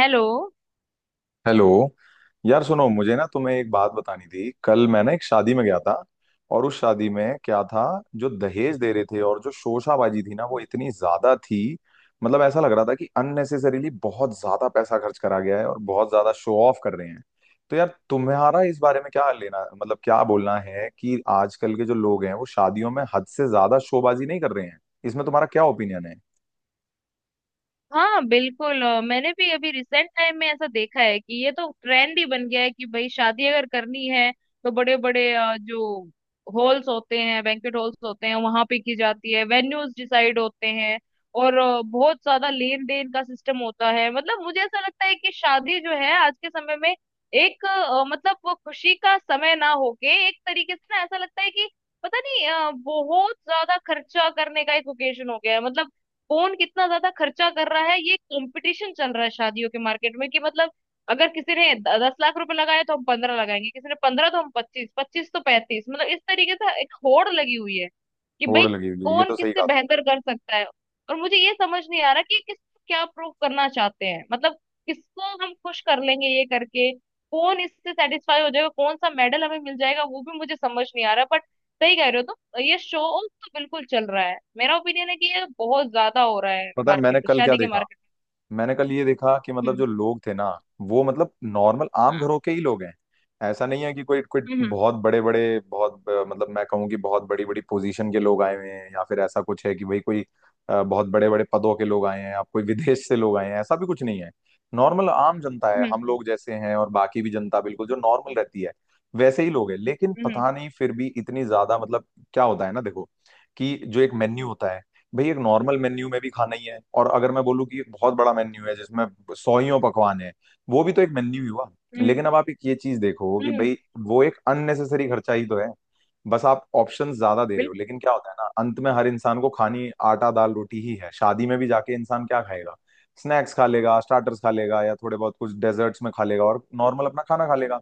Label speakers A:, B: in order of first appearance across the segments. A: Hello.
B: Hello. यार सुनो मुझे ना तुम्हें एक बात बतानी थी। कल मैं ना एक शादी में गया था और उस शादी में क्या था, जो दहेज दे रहे थे और जो शोशाबाजी थी ना वो इतनी ज्यादा थी। मतलब, ऐसा लग रहा था कि अननेसेसरीली बहुत ज्यादा पैसा खर्च करा गया है और बहुत ज्यादा शो ऑफ कर रहे हैं। तो यार तुम्हारा इस बारे में क्या लेना, मतलब, क्या बोलना है कि आजकल के जो लोग हैं वो शादियों में हद से ज्यादा शोबाजी नहीं कर रहे हैं। इसमें तुम्हारा क्या ओपिनियन है?
A: हाँ, बिल्कुल। मैंने भी अभी रिसेंट टाइम में ऐसा देखा है कि ये तो ट्रेंड ही बन गया है कि भाई शादी अगर करनी है तो बड़े बड़े जो हॉल्स होते हैं, बैंक्वेट हॉल्स होते हैं वहां पे की जाती है, वेन्यूज डिसाइड होते हैं। और बहुत ज्यादा लेन देन का सिस्टम होता है। मतलब मुझे ऐसा लगता है कि शादी जो है आज के समय में एक मतलब वो खुशी का समय ना होके एक तरीके से ना ऐसा लगता है कि पता नहीं, बहुत ज्यादा खर्चा करने का एक ओकेजन हो गया है। मतलब कौन कितना ज्यादा खर्चा कर रहा है, ये कंपटीशन चल रहा है शादियों के मार्केट में कि मतलब अगर किसी ने 10 लाख रुपए लगाए तो हम 15 लगाएंगे, किसी ने 15 तो हम 25, 25 तो 35, मतलब इस तरीके से एक होड़ लगी हुई है कि
B: होड़
A: भाई
B: लगी हुई है, ये
A: कौन
B: तो सही
A: किससे
B: कहा तुमने।
A: बेहतर कर सकता है। और मुझे ये समझ नहीं आ रहा कि किसको क्या प्रूव करना चाहते हैं। मतलब किसको हम खुश कर लेंगे ये करके? कौन इससे सेटिस्फाई हो जाएगा? कौन सा मेडल हमें मिल जाएगा, वो भी मुझे समझ नहीं आ रहा। बट सही कह रहे हो, ये शो ऑफ तो बिल्कुल चल रहा है। मेरा ओपिनियन है कि ये बहुत ज्यादा हो रहा है
B: पता है
A: मार्केट
B: मैंने
A: में,
B: कल क्या
A: शादी के
B: देखा?
A: मार्केट
B: मैंने कल ये देखा कि
A: में।
B: मतलब,
A: हम्म।
B: जो लोग थे ना वो मतलब, नॉर्मल आम घरों के ही लोग हैं। ऐसा नहीं है कि कोई कोई
A: हम्म।
B: बहुत बड़े बड़े बहुत मतलब मैं कहूँ कि बहुत बड़ी बड़ी पोजीशन के लोग आए हुए हैं या फिर ऐसा कुछ है कि भाई कोई बहुत बड़े बड़े पदों के लोग आए हैं या कोई विदेश से लोग आए हैं, ऐसा भी कुछ नहीं है। नॉर्मल आम जनता है,
A: हम्म।
B: हम लोग जैसे हैं, और बाकी भी जनता बिल्कुल जो नॉर्मल रहती है वैसे ही लोग हैं। लेकिन
A: हम्म।
B: पता नहीं फिर भी इतनी ज्यादा मतलब क्या होता है ना, देखो कि जो एक मेन्यू होता है, भाई एक नॉर्मल मेन्यू में भी खाना ही है, और अगर मैं बोलूँ कि एक बहुत बड़ा मेन्यू है जिसमें सौ ही पकवान है, वो भी तो एक मेन्यू ही हुआ।
A: हम्म।
B: लेकिन अब आप एक ये चीज देखो कि
A: हम्म।
B: भाई वो एक अननेसेसरी खर्चा ही तो है। बस आप ऑप्शन ज्यादा दे रहे हो।
A: बिल्कुल।
B: लेकिन क्या होता है ना, अंत में हर इंसान को खानी आटा दाल रोटी ही है। शादी में भी जाके इंसान क्या खाएगा, स्नैक्स खा लेगा, स्टार्टर्स खा लेगा, या थोड़े बहुत कुछ डेजर्ट्स में खा लेगा और नॉर्मल अपना खाना खा लेगा।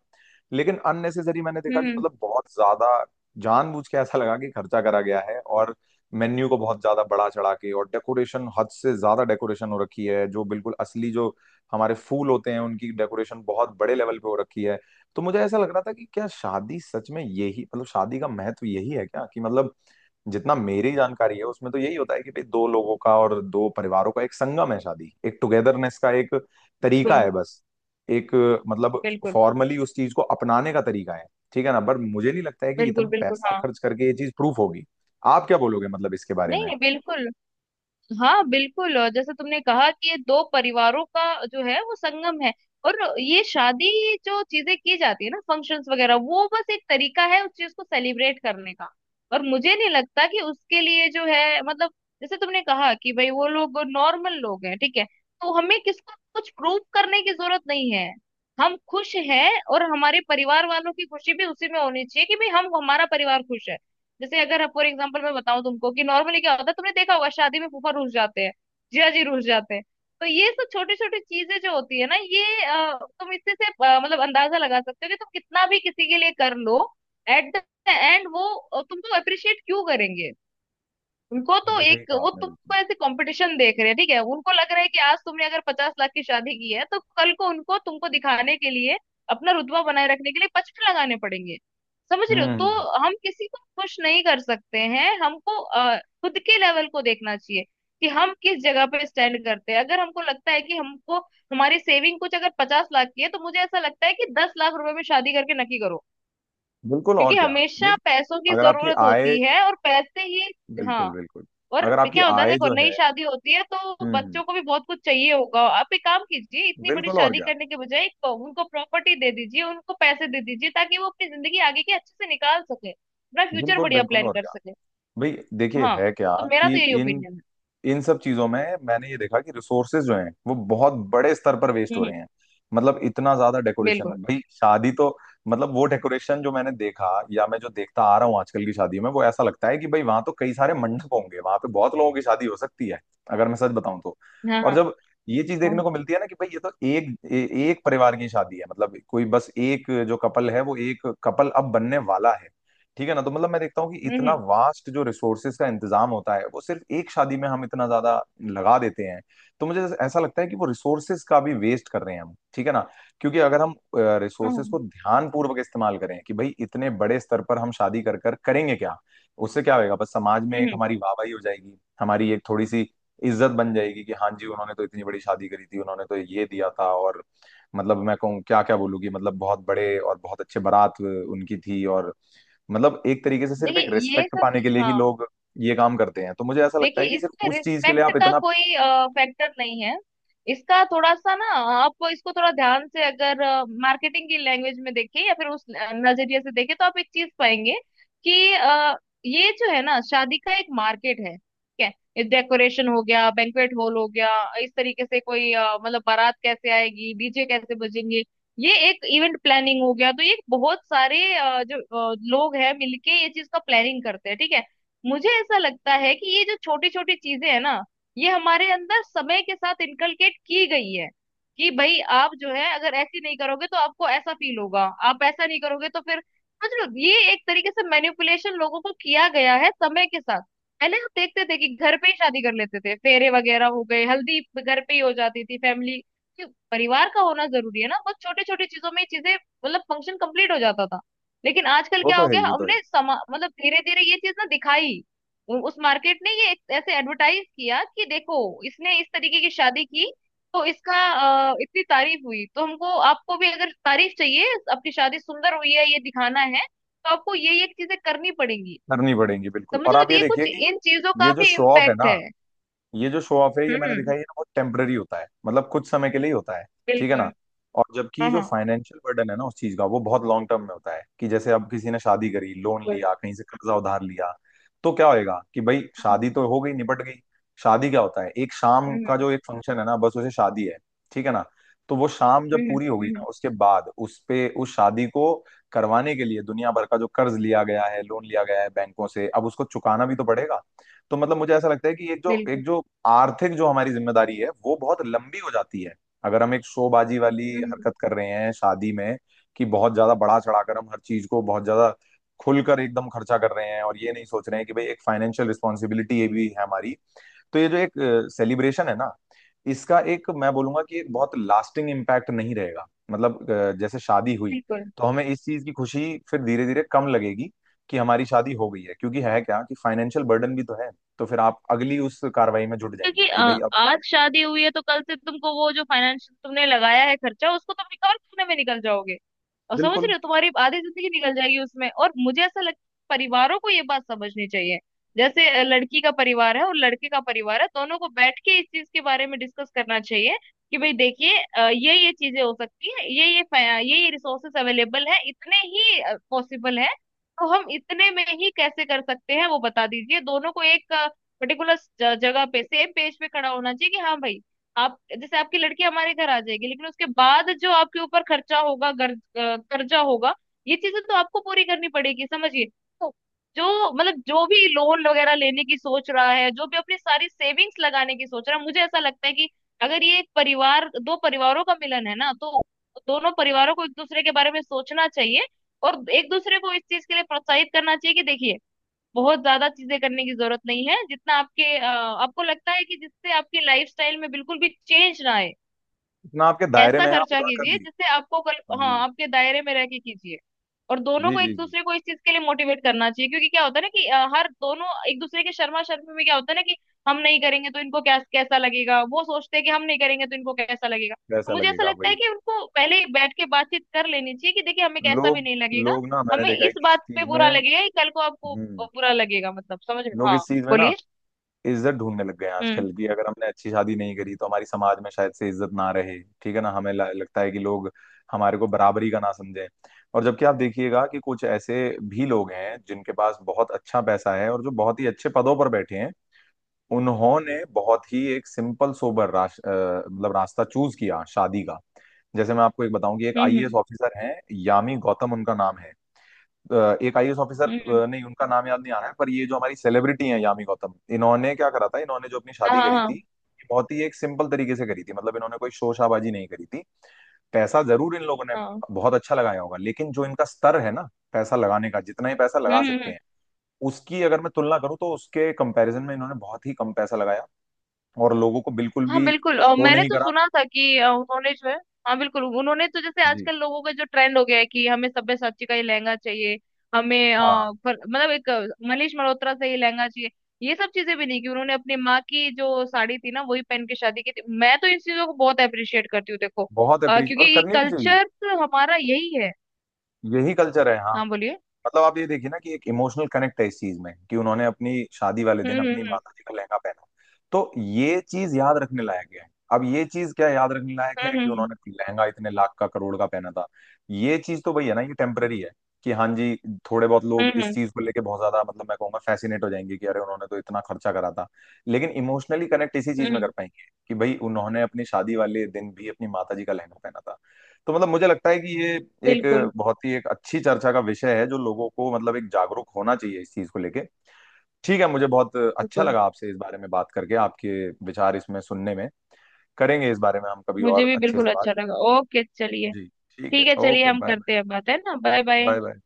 B: लेकिन अननेसेसरी मैंने देखा कि
A: बिल्कुल।
B: मतलब, बहुत ज्यादा जानबूझ के ऐसा लगा कि खर्चा करा गया है, और मेन्यू को बहुत ज्यादा बड़ा चढ़ा के, और डेकोरेशन हद से ज्यादा डेकोरेशन हो रखी है जो बिल्कुल असली जो हमारे फूल होते हैं उनकी डेकोरेशन बहुत बड़े लेवल पे हो रखी है। तो मुझे ऐसा लग रहा था कि क्या शादी सच में यही मतलब, शादी का महत्व यही है क्या कि मतलब, जितना मेरी जानकारी है उसमें तो यही होता है कि भाई दो लोगों का और दो परिवारों का एक संगम है शादी, एक टुगेदरनेस का एक तरीका है, बस एक मतलब
A: बिल्कुल।
B: फॉर्मली उस चीज को अपनाने का तरीका है। ठीक है ना, पर मुझे नहीं लगता है कि इतना
A: बिल्कुल। बिल्कुल।
B: पैसा
A: हाँ।
B: खर्च करके ये चीज प्रूफ होगी। आप क्या बोलोगे मतलब इसके बारे
A: नहीं,
B: में?
A: नहीं, बिल्कुल। हाँ, बिल्कुल। और जैसे तुमने कहा कि ये दो परिवारों का जो है वो संगम है, और ये शादी जो चीजें की जाती है ना, फंक्शंस वगैरह, वो बस एक तरीका है उस चीज को सेलिब्रेट करने का। और मुझे नहीं लगता कि उसके लिए जो है मतलब जैसे तुमने कहा कि भाई वो लोग नॉर्मल लोग हैं, ठीक है, तो हमें किसको कुछ प्रूव करने की जरूरत नहीं है। हम खुश हैं और हमारे परिवार वालों की खुशी भी उसी में होनी चाहिए कि भाई हम हमारा परिवार खुश है। जैसे अगर फॉर एग्जाम्पल मैं बताऊं तुमको कि नॉर्मली क्या होता है, तुमने देखा होगा शादी में फूफा रुस जाते हैं, जिया जी रुस जाते हैं, तो ये सब छोटी छोटी चीजें जो होती है ना, ये तुम इससे से मतलब अंदाजा लगा सकते हो कि तुम कितना भी किसी के लिए कर लो एट द एंड वो तुमको अप्रिशिएट क्यों करेंगे? उनको
B: वो
A: तो
B: तो सही
A: एक
B: कहा
A: वो
B: आपने,
A: तुमको
B: बिल्कुल।
A: ऐसे कंपटीशन देख रहे हैं, ठीक है, उनको लग रहा है कि आज तुमने अगर 50 लाख की शादी की है तो कल को उनको तुमको दिखाने के लिए अपना रुतबा बनाए रखने के लिए 55 लगाने पड़ेंगे। समझ रहे हो?
B: हम्म।
A: तो हम किसी को खुश नहीं कर सकते हैं, हमको खुद के लेवल को देखना चाहिए कि हम किस जगह पे स्टैंड करते हैं। अगर हमको लगता है कि हमको हमारी सेविंग कुछ अगर 50 लाख की है तो मुझे ऐसा लगता है कि 10 लाख रुपए में शादी करके नक्की करो,
B: बिल्कुल, और
A: क्योंकि
B: क्या।
A: हमेशा
B: भाई
A: पैसों की
B: अगर आपकी
A: जरूरत
B: आय,
A: होती है और पैसे ही।
B: बिल्कुल
A: हाँ।
B: बिल्कुल।
A: और
B: अगर आपकी
A: क्या होता है ना,
B: आय
A: देखो,
B: जो
A: नई
B: है,
A: शादी होती है तो
B: हम्म हम्म,
A: बच्चों को भी बहुत कुछ चाहिए होगा। आप एक काम कीजिए, इतनी बड़ी
B: बिल्कुल और
A: शादी
B: क्या।
A: करने के बजाय एक उनको प्रॉपर्टी दे दीजिए, उनको पैसे दे दीजिए ताकि वो अपनी जिंदगी आगे की अच्छे से निकाल सके, अपना फ्यूचर
B: बिल्कुल
A: बढ़िया
B: बिल्कुल
A: प्लान
B: और
A: कर
B: क्या।
A: सके।
B: भाई देखिए
A: हाँ,
B: है क्या
A: तो मेरा
B: कि
A: तो यही
B: इन
A: ओपिनियन है।
B: इन सब चीजों में मैंने ये देखा कि रिसोर्सेज जो हैं वो बहुत बड़े स्तर पर वेस्ट
A: हम्म।
B: हो रहे हैं। मतलब, इतना ज्यादा डेकोरेशन,
A: बिल्कुल।
B: भाई शादी तो मतलब, वो डेकोरेशन जो मैंने देखा या मैं जो देखता आ रहा हूँ आजकल की शादी में, वो ऐसा लगता है कि भाई वहां तो कई सारे मंडप होंगे, वहां पे बहुत लोगों की शादी हो सकती है अगर मैं सच बताऊं तो।
A: हाँ। हाँ।
B: और जब ये चीज देखने
A: हाँ,
B: को मिलती है ना कि भाई ये तो एक एक परिवार की शादी है। मतलब, कोई बस एक जो कपल है वो एक कपल अब बनने वाला है। ठीक है ना, तो मतलब मैं देखता हूँ कि
A: हम्म।
B: इतना
A: हम्म।
B: वास्ट जो रिसोर्सेज का इंतजाम होता है वो सिर्फ एक शादी में हम इतना ज्यादा लगा देते हैं। तो मुझे ऐसा लगता है कि वो रिसोर्सेज का भी वेस्ट कर रहे हैं हम। ठीक है ना, क्योंकि अगर हम
A: हाँ,
B: रिसोर्सेज को
A: हम्म।
B: ध्यान पूर्वक इस्तेमाल करें कि भाई इतने बड़े स्तर पर हम शादी कर कर करेंगे क्या, उससे क्या होएगा, बस समाज में एक
A: हम्म।
B: हमारी वाहवाही हो जाएगी, हमारी एक थोड़ी सी इज्जत बन जाएगी कि हाँ जी उन्होंने तो इतनी बड़ी शादी करी थी, उन्होंने तो ये दिया था, और मतलब, मैं कहूँ क्या क्या बोलूँ कि मतलब, बहुत बड़े और बहुत अच्छे बारात उनकी थी, और मतलब, एक तरीके से सिर्फ एक
A: देखिए ये
B: रिस्पेक्ट पाने के
A: सब,
B: लिए ही
A: हाँ।
B: लोग ये काम करते हैं। तो मुझे ऐसा लगता
A: देखिए
B: है कि सिर्फ
A: इसमें
B: उस चीज के लिए
A: रिस्पेक्ट
B: आप
A: का
B: इतना,
A: कोई फैक्टर नहीं है। इसका थोड़ा सा ना आप इसको थोड़ा ध्यान से अगर मार्केटिंग की लैंग्वेज में देखें या फिर उस नजरिए से देखें तो आप एक चीज पाएंगे कि ये जो है ना शादी का एक मार्केट है, ठीक है, डेकोरेशन हो गया, बैंक्वेट हॉल हो गया, इस तरीके से कोई मतलब बारात कैसे आएगी, डीजे कैसे बजेंगे, ये एक इवेंट प्लानिंग हो गया। तो ये बहुत सारे जो लोग हैं मिलके ये चीज का प्लानिंग करते हैं, ठीक है। मुझे ऐसा लगता है कि ये जो छोटी छोटी चीजें है ना, ये हमारे अंदर समय के साथ इनकलकेट की गई है कि भाई आप जो है अगर ऐसी नहीं करोगे तो आपको ऐसा फील होगा, आप ऐसा नहीं करोगे तो फिर, समझ लो ये एक तरीके से मैनिपुलेशन लोगों को किया गया है समय के साथ। पहले हम देखते थे कि घर पे ही शादी कर लेते थे, फेरे वगैरह हो गए, हल्दी घर पे ही हो जाती थी, फैमिली परिवार का होना जरूरी है ना, बहुत छोटे छोटे चीजों में ये चीजें, मतलब फंक्शन कंप्लीट हो जाता था। लेकिन आजकल
B: वो
A: क्या
B: तो
A: हो
B: है ही
A: गया,
B: वो तो है ही
A: हमने समा मतलब धीरे धीरे ये चीज ना दिखाई, उस मार्केट ने ये एक ऐसे एडवर्टाइज किया कि देखो इसने इस तरीके की शादी की तो इसका इतनी तारीफ हुई, तो हमको आपको भी अगर तारीफ चाहिए, आपकी शादी सुंदर हुई है ये दिखाना है तो आपको ये चीजें करनी पड़ेंगी।
B: करनी पड़ेगी बिल्कुल।
A: समझ
B: और
A: रहे हो?
B: आप
A: तो
B: ये
A: ये कुछ
B: देखिए कि
A: इन चीजों का
B: ये जो
A: भी
B: शो ऑफ है
A: इम्पैक्ट
B: ना,
A: है।
B: ये जो शो ऑफ है ये
A: हम्म।
B: मैंने दिखाई है ना, वो टेम्पररी होता है, मतलब, कुछ समय के लिए ही होता है। ठीक है ना,
A: बिल्कुल।
B: और जबकि
A: हाँ।
B: जो
A: हाँ,
B: फाइनेंशियल बर्डन है ना उस चीज का, वो बहुत लॉन्ग टर्म में होता है। कि जैसे अब किसी ने शादी करी, लोन
A: बिल्कुल।
B: लिया, कहीं से कर्जा उधार लिया, तो क्या होएगा कि भाई शादी तो हो गई निपट गई, शादी क्या होता है, एक शाम
A: हम्म।
B: का
A: हम्म।
B: जो एक फंक्शन है ना, बस उसे शादी है। ठीक है ना, तो वो शाम जब
A: हम्म।
B: पूरी हो गई ना,
A: हम्म,
B: उसके बाद उस पे उस शादी को करवाने के लिए दुनिया भर का जो कर्ज लिया गया है, लोन लिया गया है बैंकों से, अब उसको चुकाना भी तो पड़ेगा। तो मतलब, मुझे ऐसा लगता है कि एक जो
A: बिल्कुल।
B: एक जो आर्थिक जो हमारी जिम्मेदारी है वो बहुत लंबी हो जाती है, अगर हम एक शोबाजी वाली
A: हम्म।
B: हरकत कर रहे हैं शादी में। कि बहुत ज्यादा बढ़ा चढ़ाकर हम हर चीज को बहुत ज्यादा खुलकर एकदम खर्चा कर रहे हैं, और ये नहीं सोच रहे हैं कि भाई एक फाइनेंशियल रिस्पॉन्सिबिलिटी ये भी है हमारी। तो ये जो एक सेलिब्रेशन है ना, इसका एक मैं बोलूंगा कि एक बहुत लास्टिंग इम्पैक्ट नहीं रहेगा। जैसे शादी हुई,
A: बिल्कुल।
B: तो हमें इस चीज की खुशी फिर धीरे धीरे कम लगेगी कि हमारी शादी हो गई है, क्योंकि है क्या कि फाइनेंशियल बर्डन भी तो है। तो फिर आप अगली उस कार्रवाई में जुट
A: क्योंकि
B: जाएंगे कि भाई अब
A: आज शादी हुई है तो कल से तुमको वो जो फाइनेंस तुमने लगाया है खर्चा, उसको तुम रिकवर करने में निकल जाओगे। और समझ
B: बिल्कुल
A: रहे हो, तुम्हारी आधी जिंदगी निकल जाएगी उसमें। और मुझे ऐसा लगता है परिवारों को ये बात समझनी चाहिए। जैसे लड़की का परिवार है और लड़के का परिवार है, दोनों को बैठ के इस चीज के बारे में डिस्कस करना चाहिए कि भाई देखिए, ये चीजें हो सकती है, ये रिसोर्सेस अवेलेबल है, इतने ही पॉसिबल है। तो हम इतने में ही कैसे कर सकते हैं, वो बता दीजिए। दोनों को एक पर्टिकुलर जगह पे सेम पेज पे खड़ा होना चाहिए कि हाँ भाई, आप जैसे आपकी लड़की हमारे घर आ जाएगी लेकिन उसके बाद जो आपके ऊपर खर्चा होगा, कर्जा होगा, ये चीजें तो आपको पूरी करनी पड़ेगी, समझिए। तो जो मतलब जो भी लोन वगैरह लेने की सोच रहा है, जो भी अपनी सारी सेविंग्स लगाने की सोच रहा है, मुझे ऐसा लगता है कि अगर ये एक परिवार दो परिवारों का मिलन है ना, तो दोनों परिवारों को एक दूसरे के बारे में सोचना चाहिए और एक दूसरे को इस चीज के लिए प्रोत्साहित करना चाहिए कि देखिए बहुत ज्यादा चीजें करने की जरूरत नहीं है, जितना आपके आपको लगता है कि जिससे आपकी लाइफस्टाइल में बिल्कुल भी चेंज ना आए,
B: इतना आपके दायरे
A: ऐसा
B: में है आप
A: खर्चा
B: उतना कर
A: कीजिए
B: लीजिए।
A: जिससे आपको कल, हाँ,
B: जी
A: आपके दायरे में रह के कीजिए। और दोनों
B: जी
A: को
B: जी
A: एक
B: जी
A: दूसरे को इस चीज के लिए मोटिवेट करना चाहिए, क्योंकि क्या होता है ना कि हर दोनों एक दूसरे के शर्मा शर्मी में क्या होता है ना कि हम नहीं करेंगे तो इनको क्या कैसा लगेगा, वो सोचते हैं कि हम नहीं करेंगे तो इनको कैसा लगेगा। तो
B: वैसा
A: मुझे ऐसा
B: लगेगा
A: लगता है
B: भाई।
A: कि उनको पहले ही बैठ के बातचीत कर लेनी चाहिए कि देखिए हमें कैसा भी
B: लोग
A: नहीं लगेगा,
B: लोग ना मैंने
A: हमें
B: देखा है
A: इस
B: कि इस
A: बात पे
B: चीज
A: बुरा
B: में,
A: लगेगा कि कल को आपको
B: हम्म,
A: बुरा लगेगा, मतलब समझ रहे हो?
B: लोग
A: हाँ,
B: इस चीज में ना
A: बोलिए।
B: इज्जत ढूंढने लग गए हैं
A: हम्म।
B: आजकल। कि अगर हमने अच्छी शादी नहीं करी तो हमारी समाज में शायद से इज्जत ना रहे। ठीक है ना, हमें लगता है कि लोग हमारे को बराबरी का ना समझें। और जबकि आप देखिएगा कि कुछ ऐसे भी लोग हैं जिनके पास बहुत अच्छा पैसा है और जो बहुत ही अच्छे पदों पर बैठे हैं, उन्होंने बहुत ही एक सिंपल सोबर मतलब रास्ता चूज किया शादी का। जैसे मैं आपको एक बताऊं कि एक आईएएस
A: हम्म।
B: ऑफिसर हैं, यामी गौतम उनका नाम है। एक आईएएस ऑफिसर,
A: हम्म। हम्म।
B: नहीं उनका नाम याद नहीं आ रहा है, पर ये जो हमारी सेलिब्रिटी हैं यामी गौतम, इन्होंने क्या करा था, इन्होंने जो अपनी शादी
A: हाँ।
B: करी थी
A: हाँ।
B: ये बहुत ही एक सिंपल तरीके से करी थी। मतलब, इन्होंने कोई शोरशाबाजी नहीं करी थी, पैसा जरूर इन लोगों ने
A: हाँ। हम्म।
B: बहुत अच्छा लगाया होगा, लेकिन जो इनका स्तर है ना पैसा लगाने का, जितना ही पैसा लगा
A: हम्म।
B: सकते
A: हम्म।
B: हैं उसकी अगर मैं तुलना करूं, तो उसके कंपैरिजन में इन्होंने बहुत ही कम पैसा लगाया और लोगों को बिल्कुल
A: हाँ,
B: भी
A: बिल्कुल। और
B: शो
A: मैंने
B: नहीं
A: तो
B: करा।
A: सुना था कि उन्होंने जो है, हाँ, बिल्कुल। उन्होंने तो जैसे
B: जी।
A: आजकल लोगों का जो ट्रेंड हो गया है कि हमें सब्यसाची का ही लहंगा चाहिए, हमें
B: हाँ,
A: पर, मतलब एक मनीष मल्होत्रा से ही लहंगा चाहिए, ये सब चीजें भी नहीं। कि उन्होंने अपनी माँ की जो साड़ी थी ना वही पहन के शादी की थी। मैं तो इन चीजों को बहुत अप्रिशिएट करती हूँ, देखो,
B: बहुत अप्रिशिएट, और
A: क्योंकि
B: करनी भी चाहिए।
A: कल्चर हमारा यही है।
B: यही कल्चर है, हाँ।
A: हाँ, बोलिए।
B: मतलब, आप ये देखिए ना कि एक इमोशनल कनेक्ट है इस चीज में कि उन्होंने अपनी शादी वाले दिन
A: हम्म।
B: अपनी
A: हम्म।
B: माता जी का लहंगा पहना, तो ये चीज याद रखने लायक है। अब ये चीज क्या याद रखने लायक है
A: हम्म।
B: कि
A: हम्म।
B: उन्होंने लहंगा इतने लाख का करोड़ का पहना था। ये चीज तो वही है ना, ये टेम्पररी है। कि हाँ जी, थोड़े बहुत
A: हम्म।
B: लोग इस
A: हम्म।
B: चीज को लेके बहुत ज्यादा मतलब, मैं कहूंगा फैसिनेट हो जाएंगे कि अरे उन्होंने तो इतना खर्चा करा था, लेकिन इमोशनली कनेक्ट इसी
A: हम्म।
B: चीज में कर
A: हम्म।
B: पाएंगे कि भाई उन्होंने अपनी शादी वाले दिन भी अपनी माता जी का लहंगा पहना था। तो मतलब, मुझे लगता है कि ये एक
A: बिल्कुल।
B: बहुत ही एक अच्छी चर्चा का विषय है, जो लोगों को मतलब, एक जागरूक होना चाहिए इस चीज को लेके। ठीक है, मुझे बहुत अच्छा
A: बिल्कुल,
B: लगा आपसे इस बारे में बात करके, आपके विचार इसमें सुनने में। करेंगे इस बारे में हम कभी
A: मुझे
B: और
A: भी
B: अच्छे से
A: बिल्कुल
B: बात।
A: अच्छा लगा। ओके, चलिए।
B: जी ठीक है,
A: ठीक है, चलिए
B: ओके,
A: हम
B: बाय बाय।
A: करते हैं बात, है ना। Bye bye.
B: Bye bye.